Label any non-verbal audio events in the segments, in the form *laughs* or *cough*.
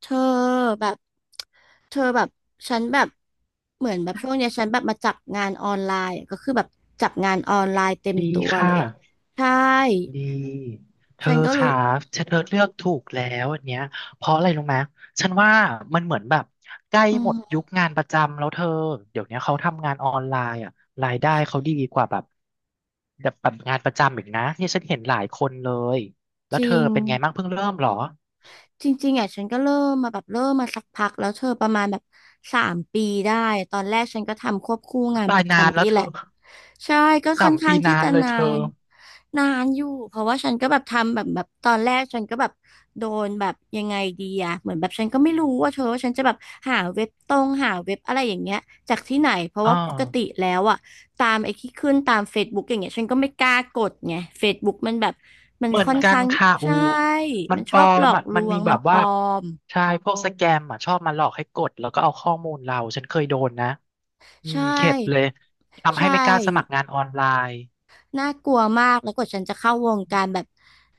เธอแบบเธอแบบฉันแบบเหมือนแบบช่วงเนี้ยฉันแบบมาจับงานออนไลน์อะก็คือแบบจับงานออนไลน์เต็มดีตัวคเลย่ะใช่ดีเธอฉันก็รู้ค่ะฉันเธอเลือกถูกแล้วอันเนี้ยเพราะอะไรรู้ไหมฉันว่ามันเหมือนแบบใกล้อืหมดยุมคงานประจำแล้วเธอเดี๋ยวเนี้ยเขาทำงานออนไลน์อ่ะรายได้เขาดีกว่าแบบแบบงานประจำอีกนะเนี่ยฉันเห็นหลายคนเลยแล้จวเธริอง เป็นไงบ้างเพิ่งเริ่มเหรอจริงๆอ่ะฉันก็เริ่มมาแบบเริ่มมาสักพักแล้วเธอประมาณแบบ3 ปีได้ตอนแรกฉันก็ทำควบคู่อุ๊ยงานตาปยระนานแล้จำวนี่เธแหอละใช่ก็สาค่อนมปีข้างนาที่นจะเลยนาเธอนนานอยู่เพราะว่าฉันก็แบบทำแบบตอนแรกฉันก็แบบโดนแบบยังไงดีอะเหมือนแบบฉันก็ไม่รู้ว่าเธอว่าฉันจะแบบหาเว็บตรงหาเว็บอะไรอย่างเงี้ยจากที่ไหนเพราะอ่า ว่าปกติแล้วอะ ตามไอ้ที่ขึ้นตาม Facebook อย่างเงี้ยฉันก็ไม่กล้ากดไง Facebook มันแบบมันเหมือนค่อนกันข้างค่ะอูใช่ มัมันนปชลออบหลมอกอะลมันวมีงแบมันบปว่าลอมใช่พวกสแกมอ่ะชอบมาหลอกให้กดแล้วก็เอาข้อมูลเราฉันเคยโดนนะอืใชมเข็ดเลย่ทำใช่ ให้ไม่กล้าสมัครงานออนไลน์น่ากลัวมากแล้วกว่าฉันจะเข้าวงการแบบ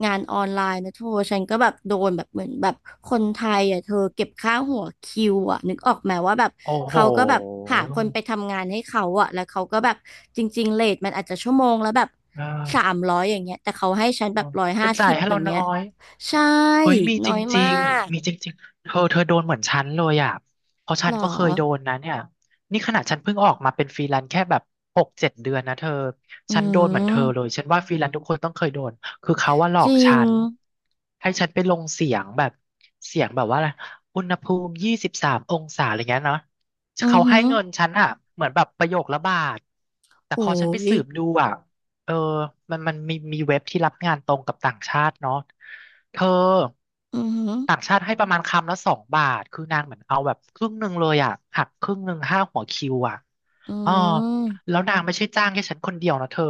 งานออนไลน์นะเธอฉันก็แบบโดนแบบเหมือนแบบคนไทยอ่ะเธอเก็บค่าหัวคิวอ่ะนึกออกไหมว่าแบบโอ้โหเขาก็แบบหาคนไปทำงานให้เขาอ่ะแล้วเขาก็แบบจริงๆเรทมันอาจจะชั่วโมงแล้วแบบเอสามอร้อยอย่างเงี้ยแต่เขาให้ฉันแบบร้อยจะห้าจ่าสิยบให้อย่าเรางน้เงี้อยย ใช่เฮ้ยมีน้จอยริมางๆมีกจริงๆเธอเธอโดนเหมือนฉันเลยอ่ะเพราะหฉัรนอก็เคยโดนนะเนี่ยนี่ขนาดฉันเพิ่งออกมาเป็นฟรีแลนซ์แค่แบบ6-7 เดือนนะเธออืฉันโดนเหมือนเธอเลมยฉันว่าฟรีแลนซ์ทุกคนต้องเคยโดนคือเขาว่าหลอจกริฉังนให้ฉันไปลงเสียงแบบเสียงแบบว่าอะไรอุณหภูมิ23 องศาอะไรเงี้ยเนาะอือเขาหืให้อเงินฉันอ่ะเหมือนแบบประโยคละบาทแต่โอ้พอฉันไปยสืบดูอ่ะ เออมันมีมีเว็บที่รับงานตรงกับต่างชาติเนาะเธออือหือต่างชาติให้ประมาณคำละ2 บาทคือนางเหมือนเอาแบบครึ่งหนึ่งเลยอ่ะหักครึ่งหนึ่งห้าหัวคิวอ่ะอือ๋อม แล้วนางไม่ใช่จ้างแค่ฉันคนเดียวนะเธอ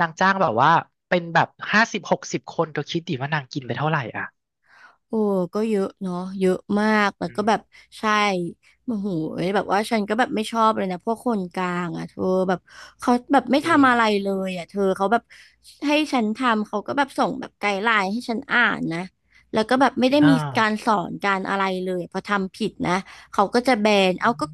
นางจ้างแบบว่าเป็นแบบ50-60 คนเธอคิดดิว่านางกินไปเท่าไหร่อ่ะโอ้ก็เยอะเนาะเยอะมากแต่อืก็มแบบใช่โมโหแบบว่าฉันก็แบบไม่ชอบเลยนะพวกคนกลางอ่ะเธอแบบเขาแบบไม่จริทำอะงไรเลยอ่ะเธอเขาแบบให้ฉันทำเขาก็แบบส่งแบบไกด์ไลน์ให้ฉันอ่านนะแล้วก็แบบไม่ได้อ่ามีการสอนการอะไรเลยพอทำผิดนะเขาก็จะแบนอืเอาก็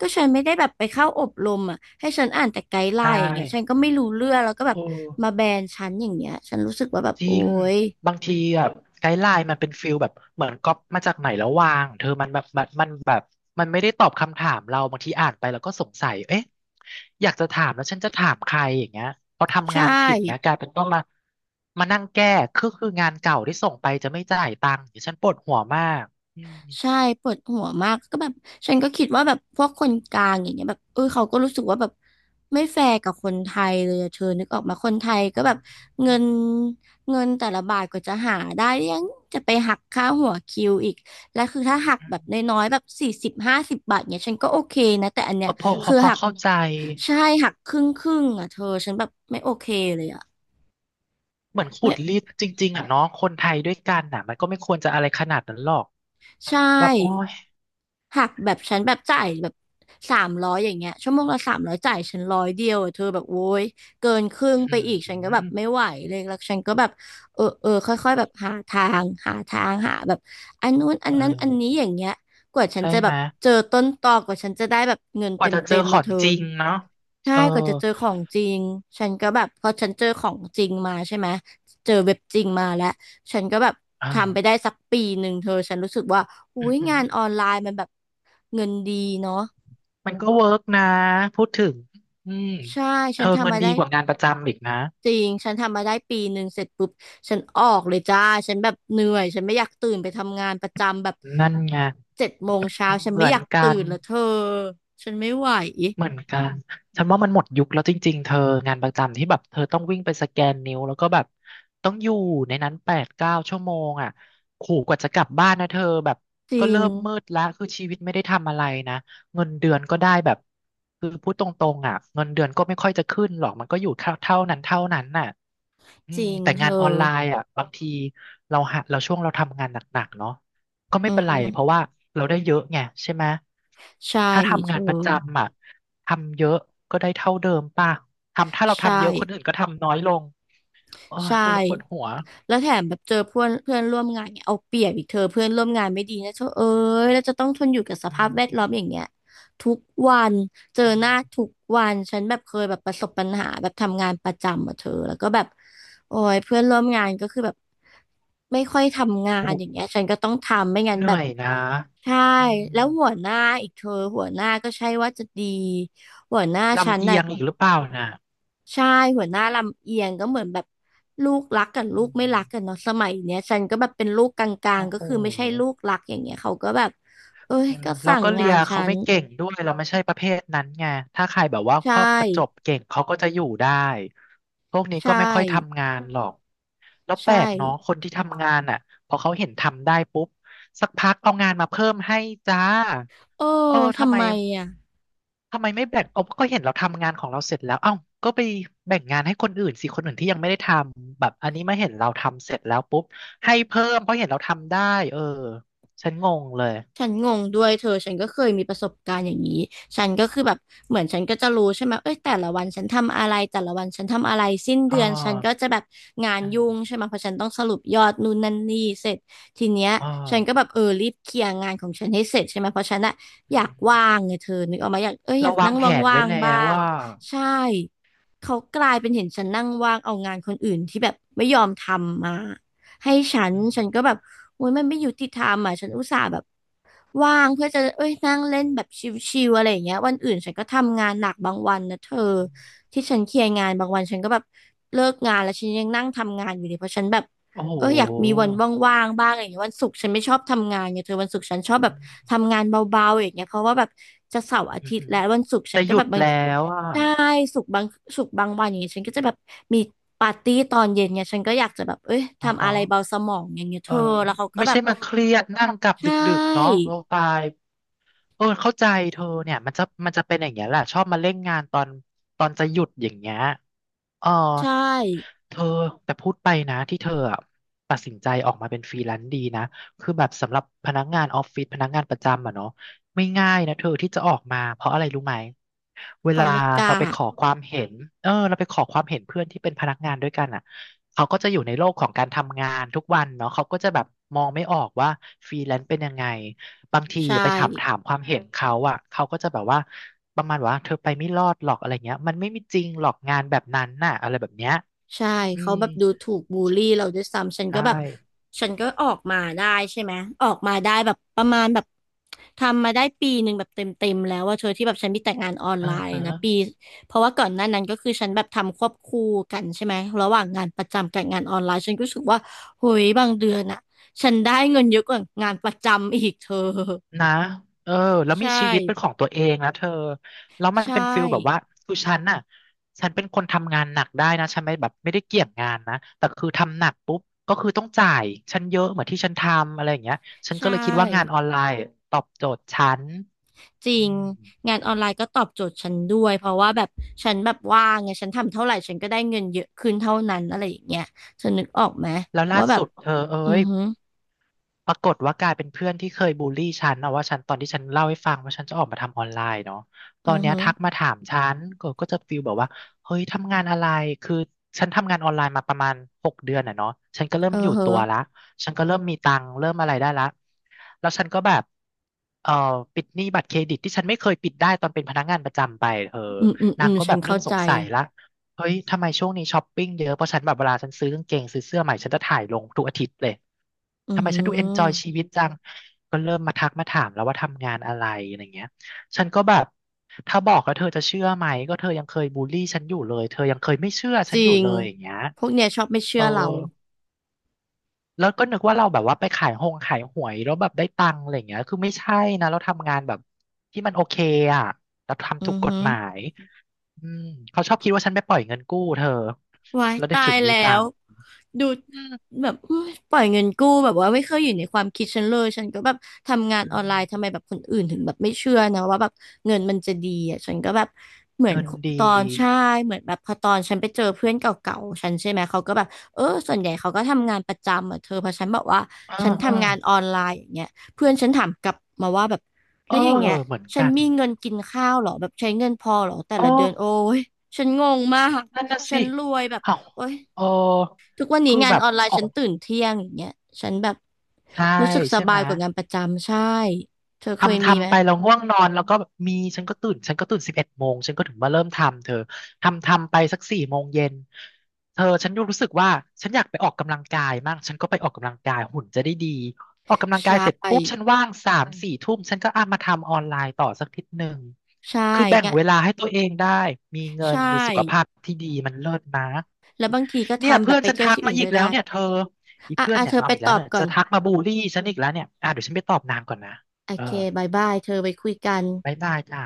ก็ฉันไม่ได้แบบไปเข้าอบรมอ่ะให้ฉันอ่านแต่ไกด์ไลใช่น์อย่างเงี้ยฉันก็ไม่รู้เรื่องแล้วก็แบบโอ้ มาแบนฉันอย่างเงี้ยฉันรู้สึกว่าแบบจริโอ๊งยบางทีแบบไกด์ไลน์มันเป็นฟิลแบบเหมือนก๊อปมาจากไหนแล้ววางเธอมันแบบมันแบบมันไม่ได้ตอบคำถามเราบางทีอ่านไปแล้วก็สงสัยเอ๊ะอยากจะถามแล้วฉันจะถามใครอย่างเงี้ยพอทำใช่ งานผิดเงี้ยกลายเป็นต้องมานั่งแก้คืองานเก่าที่ส่งไปจะไม่จ่ายตังค์เดี๋ยวฉันปวดหัวมากอืมใช่ปวดหัวมากก็แบบฉันก็คิดว่าแบบพวกคนกลางอย่างเงี้ยแบบเออเขาก็รู้สึกว่าแบบไม่แฟร์กับคนไทยเลยอะเธอนึกออกมาคนไทยอ๋ก็อแบบอืเงิมนเงินแต่ละบาทก็จะหาได้ยังจะไปหักค่าหัวคิวอีกและคือถ้าหักแบบน้อยๆแบบ40 50 บาทเนี่ยฉันก็โอเคนะแต่อันเอเนี้ยอพอพอคือพอหักเข้าใจใช่หักครึ่งอะเธอฉันแบบไม่โอเคเลยอะเหมือนขุไม่ดรีดจริงๆอ่ะเนาะคนไทยด้วยกันน่ะมันก็ไม่ควรจะอะไรขนาดนั้นหรอกใช่ แบบโอ้ย หักแบบฉันแบบจ่ายแบบสามร้อยอย่างเงี้ยชั่วโมงละสามร้อยจ่ายฉันร้อยเดียวอะเธอแบบโว้ยเกินครึ่งไปอือีกฉันก็แบบมไม่ไหวเลยแล้วฉันก็แบบเออค่อยๆแบบหาทางหาทางหาแบบอันนู้นอันเอนั้นอันนี้ออย่างเงี้ยกว่าฉันใช่จะแบไหมบเจอต้นตอกว่าฉันจะได้แบบเงินกเต็ว่ามจะเจเต็อมขมาองเธอ จริงเนาะใช่เออกว่าจะเจอของจริงฉันก็แบบพอฉันเจอของจริงมาใช่ไหม เจอเว็บจริงมาแล้ว ฉันก็แบบทำไปอ่าได้สักปีหนึ่งเธอฉันรู้สึกว่าอุ้อืยงานอมอนไลน์มันแบบเงินดีเนาะๆมันก็เวิร์กนะพูดถึงอืมใช่เธฉันอเงิทำนมาดีได้กว่างานประจำอีกนะจริง ฉันทำมาได้ปีหนึ่งเสร็จปุ๊บฉันออกเลยจ้า ฉันแบบเหนื่อย ฉันไม่อยากตื่นไปทำงานประจำแบบนั่นไง7 โมงเช้าฉันเหไม่มืออนยากกัตื่น นแล้วเธอฉันไม่ไหวเหมือนกัน ฉันว่ามันหมดยุคแล้วจริงๆ เธองานประจำที่แบบเธอต้องวิ่งไปสแกนนิ้วแล้วก็แบบต้องอยู่ในนั้น8-9 ชั่วโมงอ่ะขู่กว่าจะกลับบ้านนะเธอแบบจก็ริงเริ่มมืดละคือชีวิตไม่ได้ทำอะไรนะเงินเดือนก็ได้แบบคือพูดตรงๆอ่ะเงินเดือนก็ไม่ค่อยจะขึ้นหรอกมันก็อยู่เท่าเท่านั้นเท่านั้นน่ะอืจมริงแต่เธงานอออนไลน์อ่ะบางทีเราหาเราช่วงเราทำงานหนักๆเนาะก็ไม่อืเป็นไรเพราะมว่าเราได้เยอะไงใช่ไหมใช่ถ้าเธทำงาอ นประจำอ่ะ ทำเยอะก็ได้เท่าเดิมป่ะทำถ้าเราใช่ทำเยอะคนอื่นก็ทำน้อยลงโอ้ยใช่ปวดปวดหัวแล้วแถมแบบเจอเพื่อนเพื่อนร่วมงานเนี่ยเอาเปรียบอีกเธอเพื่อนร่วมงานไม่ดีนะเธอเอ้ยแล้วจะต้องทนอยู่กับสอืภาพมแวดล้อมอย่างเงี้ยทุกวันเจออืหน้ามทุกวันฉันแบบเคยแบบประสบปัญหาแบบทำงานประจำอะเธอแล้วก็แบบโอ้ยเพื่อนร่วมงานก็คือแบบไม่ค่อยทำงานโอ้อย่างเงี้ยฉันก็ต้องทำไม่งั้นเหแบนื่อบยนะใช่อืมแล้วหัวหน้าอีกเธอหัวหน้าก็ใช่ว่าจะดีหัวหน้าฉัลำนเอีน่ะ ยงอีกหรือเปล่านะใช่หัวหน้าลำเอียงก็เหมือนแบบลูกรักกับลูอืกไม่มรักกันเนาะสมัยเนี้ยฉันก็แบบเป็นลูกกลางโอ้ๆก็โห คือไม่ใช่ลูกรักอย่างเงี้ยเขาก็แบบเอ้ยเออก็เราสั่งก็เลีงายนฉัเขานไม่เก่งด้วยเราไม่ใช่ประเภทนั้นไงถ้าใครแบบว่าใชครอบประจบ่เก่งเขาก็จะอยู่ได้พวกนี้ใช่ก็ไม่ค่อยทำงานหรอกแล้วแปใช่ลกเนาะคนที่ทำงานอ่ะพอเขาเห็นทำได้ปุ๊บสักพักเอางานมาเพิ่มให้จ้าโอ้เออทำทำไมไมอ่ะ ทำไมไม่แบ่งเอาก็เห็นเราทำงานของเราเสร็จแล้วเอ้าก็ไปแบ่งงานให้คนอื่นสิคนอื่นที่ยังไม่ได้ทำแบบอันนี้มาเห็นเราทำเสร็จแล้วปุ๊บให้เพิ่มเพราะเห็นเราทำได้เออฉันงงเลย ฉันงงด้วยเธอฉันก็เคยมีประสบการณ์อย่างนี้ฉันก็คือแบบเหมือนฉันก็จะรู้ใช่ไหมเอ้ยแต่ละวันฉันทำอะไรแต่ละวันฉันทำอะไรสิ้นอ่เดือนฉันก็าจะแบบงานอยุ่ง่าใช่ไหมเพราะฉันต้องสรุปยอดนู่นนั่นนี่เสร็จทีเนี้ยอ่ฉันก็าแบบเออรีบเคลียร์งานของฉันให้เสร็จใช่ไหมเพราะฉันอะอือยากว่างมไงเธอนึกออกมาอยากเอ้ยอเรายากวานั่งงแผนว่าไว้งแล้ๆบ้าวงว่าใช่เขากลายเป็นเห็นฉันนั่งว่างเอางานคนอื่นที่แบบไม่ยอมทำมา ให้ฉันอืมก็แบบโอ้ยมันไม่ยุติธรรมอ่ะฉันอุตส่าห์แบบว่างเพื่อจะเอ้ยนั่งเล่นแบบชิลๆอะไรอย่างเงี้ยวันอื่นฉันก็ทำงานหนักบางวันนะเธออืมที่ฉันเคลียร์งานบางวันฉันก็แบบเลิกงานแล้วฉันยังนั่งทำงานอยู่เลยเพราะฉันแบบโอ้โเอออยากมีหวันว่างๆบ้างอะไรอย่างเงี้ยวันศุกร์ฉันไม่ชอบทำงานไงเธอวันศุกร์ฉันชอบแบอืบมทำงานเบาๆอย่างเงี้ยเพราะว่าแบบจะเสาร์อาอืทิอตย์หือแล้ววันศุกร์ฉัจะนหก็แบยุบดบาง แล้วอ่ะใช่สุกร์บางสุกร์บางวันอย่างเงี้ยฉันก็จะแบบมีปาร์ตี้ตอนเย็นเนี่ยฉันก็อยากจะแบบเอ้ยอ๋อทำฮะอะไรเบาสมองอย่างเงี้ยเธเอออแล้วเขาก็ไม่แบใช่บมาเครียดนั่งกลับใชดึกๆเนาะ่เราตายเออเข้าใจเธอเนี่ยมันจะมันจะเป็นอย่างเงี้ยแหละชอบมาเล่นงานตอนจะหยุดอย่างเงี้ย เออใช่เธอแต่พูดไปนะที่เธออะตัดสินใจออกมาเป็นฟรีแลนซ์ดีนะคือแบบสำหรับพนักงานออฟฟิศพนักงานประจำอะเนาะไม่ง่ายนะเธอที่จะออกมาเพราะอะไรรู้ไหมเวเขาลาไม่กล้าเราไปขอความเห็นเออเราไปขอความเห็นเพื่อนที่เป็นพนักงานด้วยกันอ่ะเขาก็จะอยู่ในโลกของการทำงานทุกวันเนาะเขาก็จะแบบมองไม่ออกว่าฟรีแลนซ์เป็นยังไง บางทีใช่ ไปถามความเห็นเขาอ่ะเขาก็จะแบบว่าประมาณว่าเธอไปไม่รอดหรอกอะไรเงี้ยมันไม่มีจริงหรอกงานแบบนั้นน่ะอะไรแบบเนี้ยใช่อืเขามแบบดูถูกบูลลี่เราด้วยซ้ำฉันก็ใช่แบบฉันก็ออกมาได้ใช่ไหมออกมาได้แบบประมาณแบบทำมาได้ปีหนึ่งแบบเต็มแล้วว่าเธอที่แบบฉันมีแต่งานออนอ่าไลน์ฮะนะปีเพราะว่าก่อนหน้านั้นก็คือฉันแบบทำควบคู่กันใช่ไหมระหว่างงานประจำกับงานออนไลน์ฉันก็รู้สึกว่าเฮ้ยบางเดือนอะฉันได้เงินเยอะกว่างานประจำอีกเธอ นะเออแล้ *laughs* วมีใช่ชีวิตเป็นของตัวเองนะเธอแล้วมันใช่เป็นฟิลแบบว่าคือฉันน่ะฉันเป็นคนทำงานหนักได้นะฉันไม่แบบไม่ได้เกี่ยงงานนะแต่คือทำหนักปุ๊บก็คือต้องจ่ายฉันเยอะเหมือนที่ฉันทำอะไรอย่างเงี้ยฉันก็ใช่ เลยคิดว่างานออนไลน์ตอบโจทย์ฉันจริอืงมงานออนไลน์ก็ตอบโจทย์ฉันด้วยเพราะว่าแบบฉันแบบว่างไงฉันทำเท่าไหร่ฉันก็ได้เงินเยอะขึ้นเท่านั้นอะไรอย่างเงี้ยเธอนึกออกไหมแล้วล่าว่าแบบสุดเธอเอ้อือย หือปรากฏว่ากลายเป็นเพื่อนที่เคยบูลลี่ฉันเอาว่าฉันตอนที่ฉันเล่าให้ฟังว่าฉันจะออกมาทำออนไลน์เนาะตอือนอเนี้ยหือทักมาถามฉันก็จะฟีลแบบว่าเฮ้ยทำงานอะไรคือฉันทำงานออนไลน์มาประมาณ6 เดือนอ่ะเนาะฉันก็เริ่เอมออยู่เหตัวอะละฉันก็เริ่มมีตังค์เริ่มอะไรได้ละแล้วฉันก็แบบเอ่อปิดหนี้บัตรเครดิตที่ฉันไม่เคยปิดได้ตอนเป็นพนักงานประจำไปเธออืมอืมอืนางมก็ฉัแบนบเริ่เข้ามสใจงสัยละเฮ้ยทำไมช่วงนี้ช้อปปิ้งเยอะเพราะฉันแบบเวลาฉันซื้อกางเกงซื้อเสื้อใหม่ฉันจะถ่ายลงทุกอาทิตย์เลย อือทำไมหืฉันดูเอนจอยอชีวิตจังก็เริ่มมาทักมาถามแล้วว่าทำงานอะไรอะไรเงี้ยฉันก็แบบถ้าบอกแล้วเธอจะเชื่อไหมก็เธอยังเคยบูลลี่ฉันอยู่เลยเธอยังเคยไม่เชื่อฉัจนอริยู่งเลยอย่างเงี้ยพวกเนี้ยชอบไม่เอเชื่ออเราแล้วก็นึกว่าเราแบบว่าไปขายหงขายหวยแล้วแบบได้ตังค์อะไรเงี้ยคือไม่ใช่นะเราทำงานแบบที่มันโอเคอ่ะเราอืทำถูกอกฎหือหมายอืมเขาชอบคิดว่าฉันไปปล่อยเงินกู้เธอว้ายแล้วได้ตาตยแล้ัว งค์ดูอืมแบบอุ๊ยปล่อยเงินกู้แบบว่าไม่เคยอยู่ในความคิดฉันเลยฉันก็แบบทำงานอือมอนไลน์ทำไมแบบคนอื่นถึงแบบไม่เชื่อนะว่าแบบเงินมันจะดีอ่ะฉันก็แบบเหมือนเงินดีตอนใช่เหมือนแบบพอตอนฉันไปเจอเพื่อนเก่าๆฉันใช่ไหมเขาก็แบบเออส่วนใหญ่เขาก็ทำงานประจำอ่ะเธอเพอฉันบอกว่าเออฉันเออทำงานออนไลน์อย่างเงี้ยเพื่อนฉันถามกลับมาว่าแบบเอแล้อวอย่างเงี้ยเหมือนฉักันน มีเงินกินข้าวเหรอแบบใช้เงินพอเหรอแต่เอละเดือนโอ้อยฉันงงมากนั่นน่ะฉัสินรวยแบบอ้าวโอ้ย เออทุกวันนี้คืองานแบบออนไลอน์อฉันกตื่นเที่ยงอย่างเงี้ยฉันแบบใช่รู้สึกสใช่ไหบามยกว่างานประจำใช่เธอเคยทำมีไหมทำไปเราง่วงนอนแล้วก็แบบมีฉันก็ตื่น11 โมงฉันก็ถึงมาเริ่มทำเธอทำไปสัก4 โมงเย็นเธอฉันยูรู้สึกว่าฉันอยากไปออกกำลังกายมากฉันก็ไปออกกำลังกายหุ่นจะได้ดีออกกำลังใชกายเสร็จปุ๊บฉัน่ว่าง3-4 ทุ่มฉันก็อ่ะมาทำออนไลน์ต่อสักนิดหนึ่งใช่คือแบ่งงานเวลาให้ตัวเองได้มีเงิใช่นมีสุขภาพที่ดีมันเลิศนะ แล้วบางทีก็เนี่ยทำแบเพื่อบนไปฉันเที่ยวทักที่อื่มานอีก็กแล้วได้เนี่ยเธออีอ่ะเพื่อนอ่ะเนี่ยเธอเอาไปอีกตแล้วอบเนี่ยก่อจะนทักมาบูลลี่ฉันอีกแล้วเนี่ยอ่ะเดี๋ยวฉันไปตอบนางก่อนนะโอเออเคบายบายเธอไปคุยกันบ๊ายบายจ้า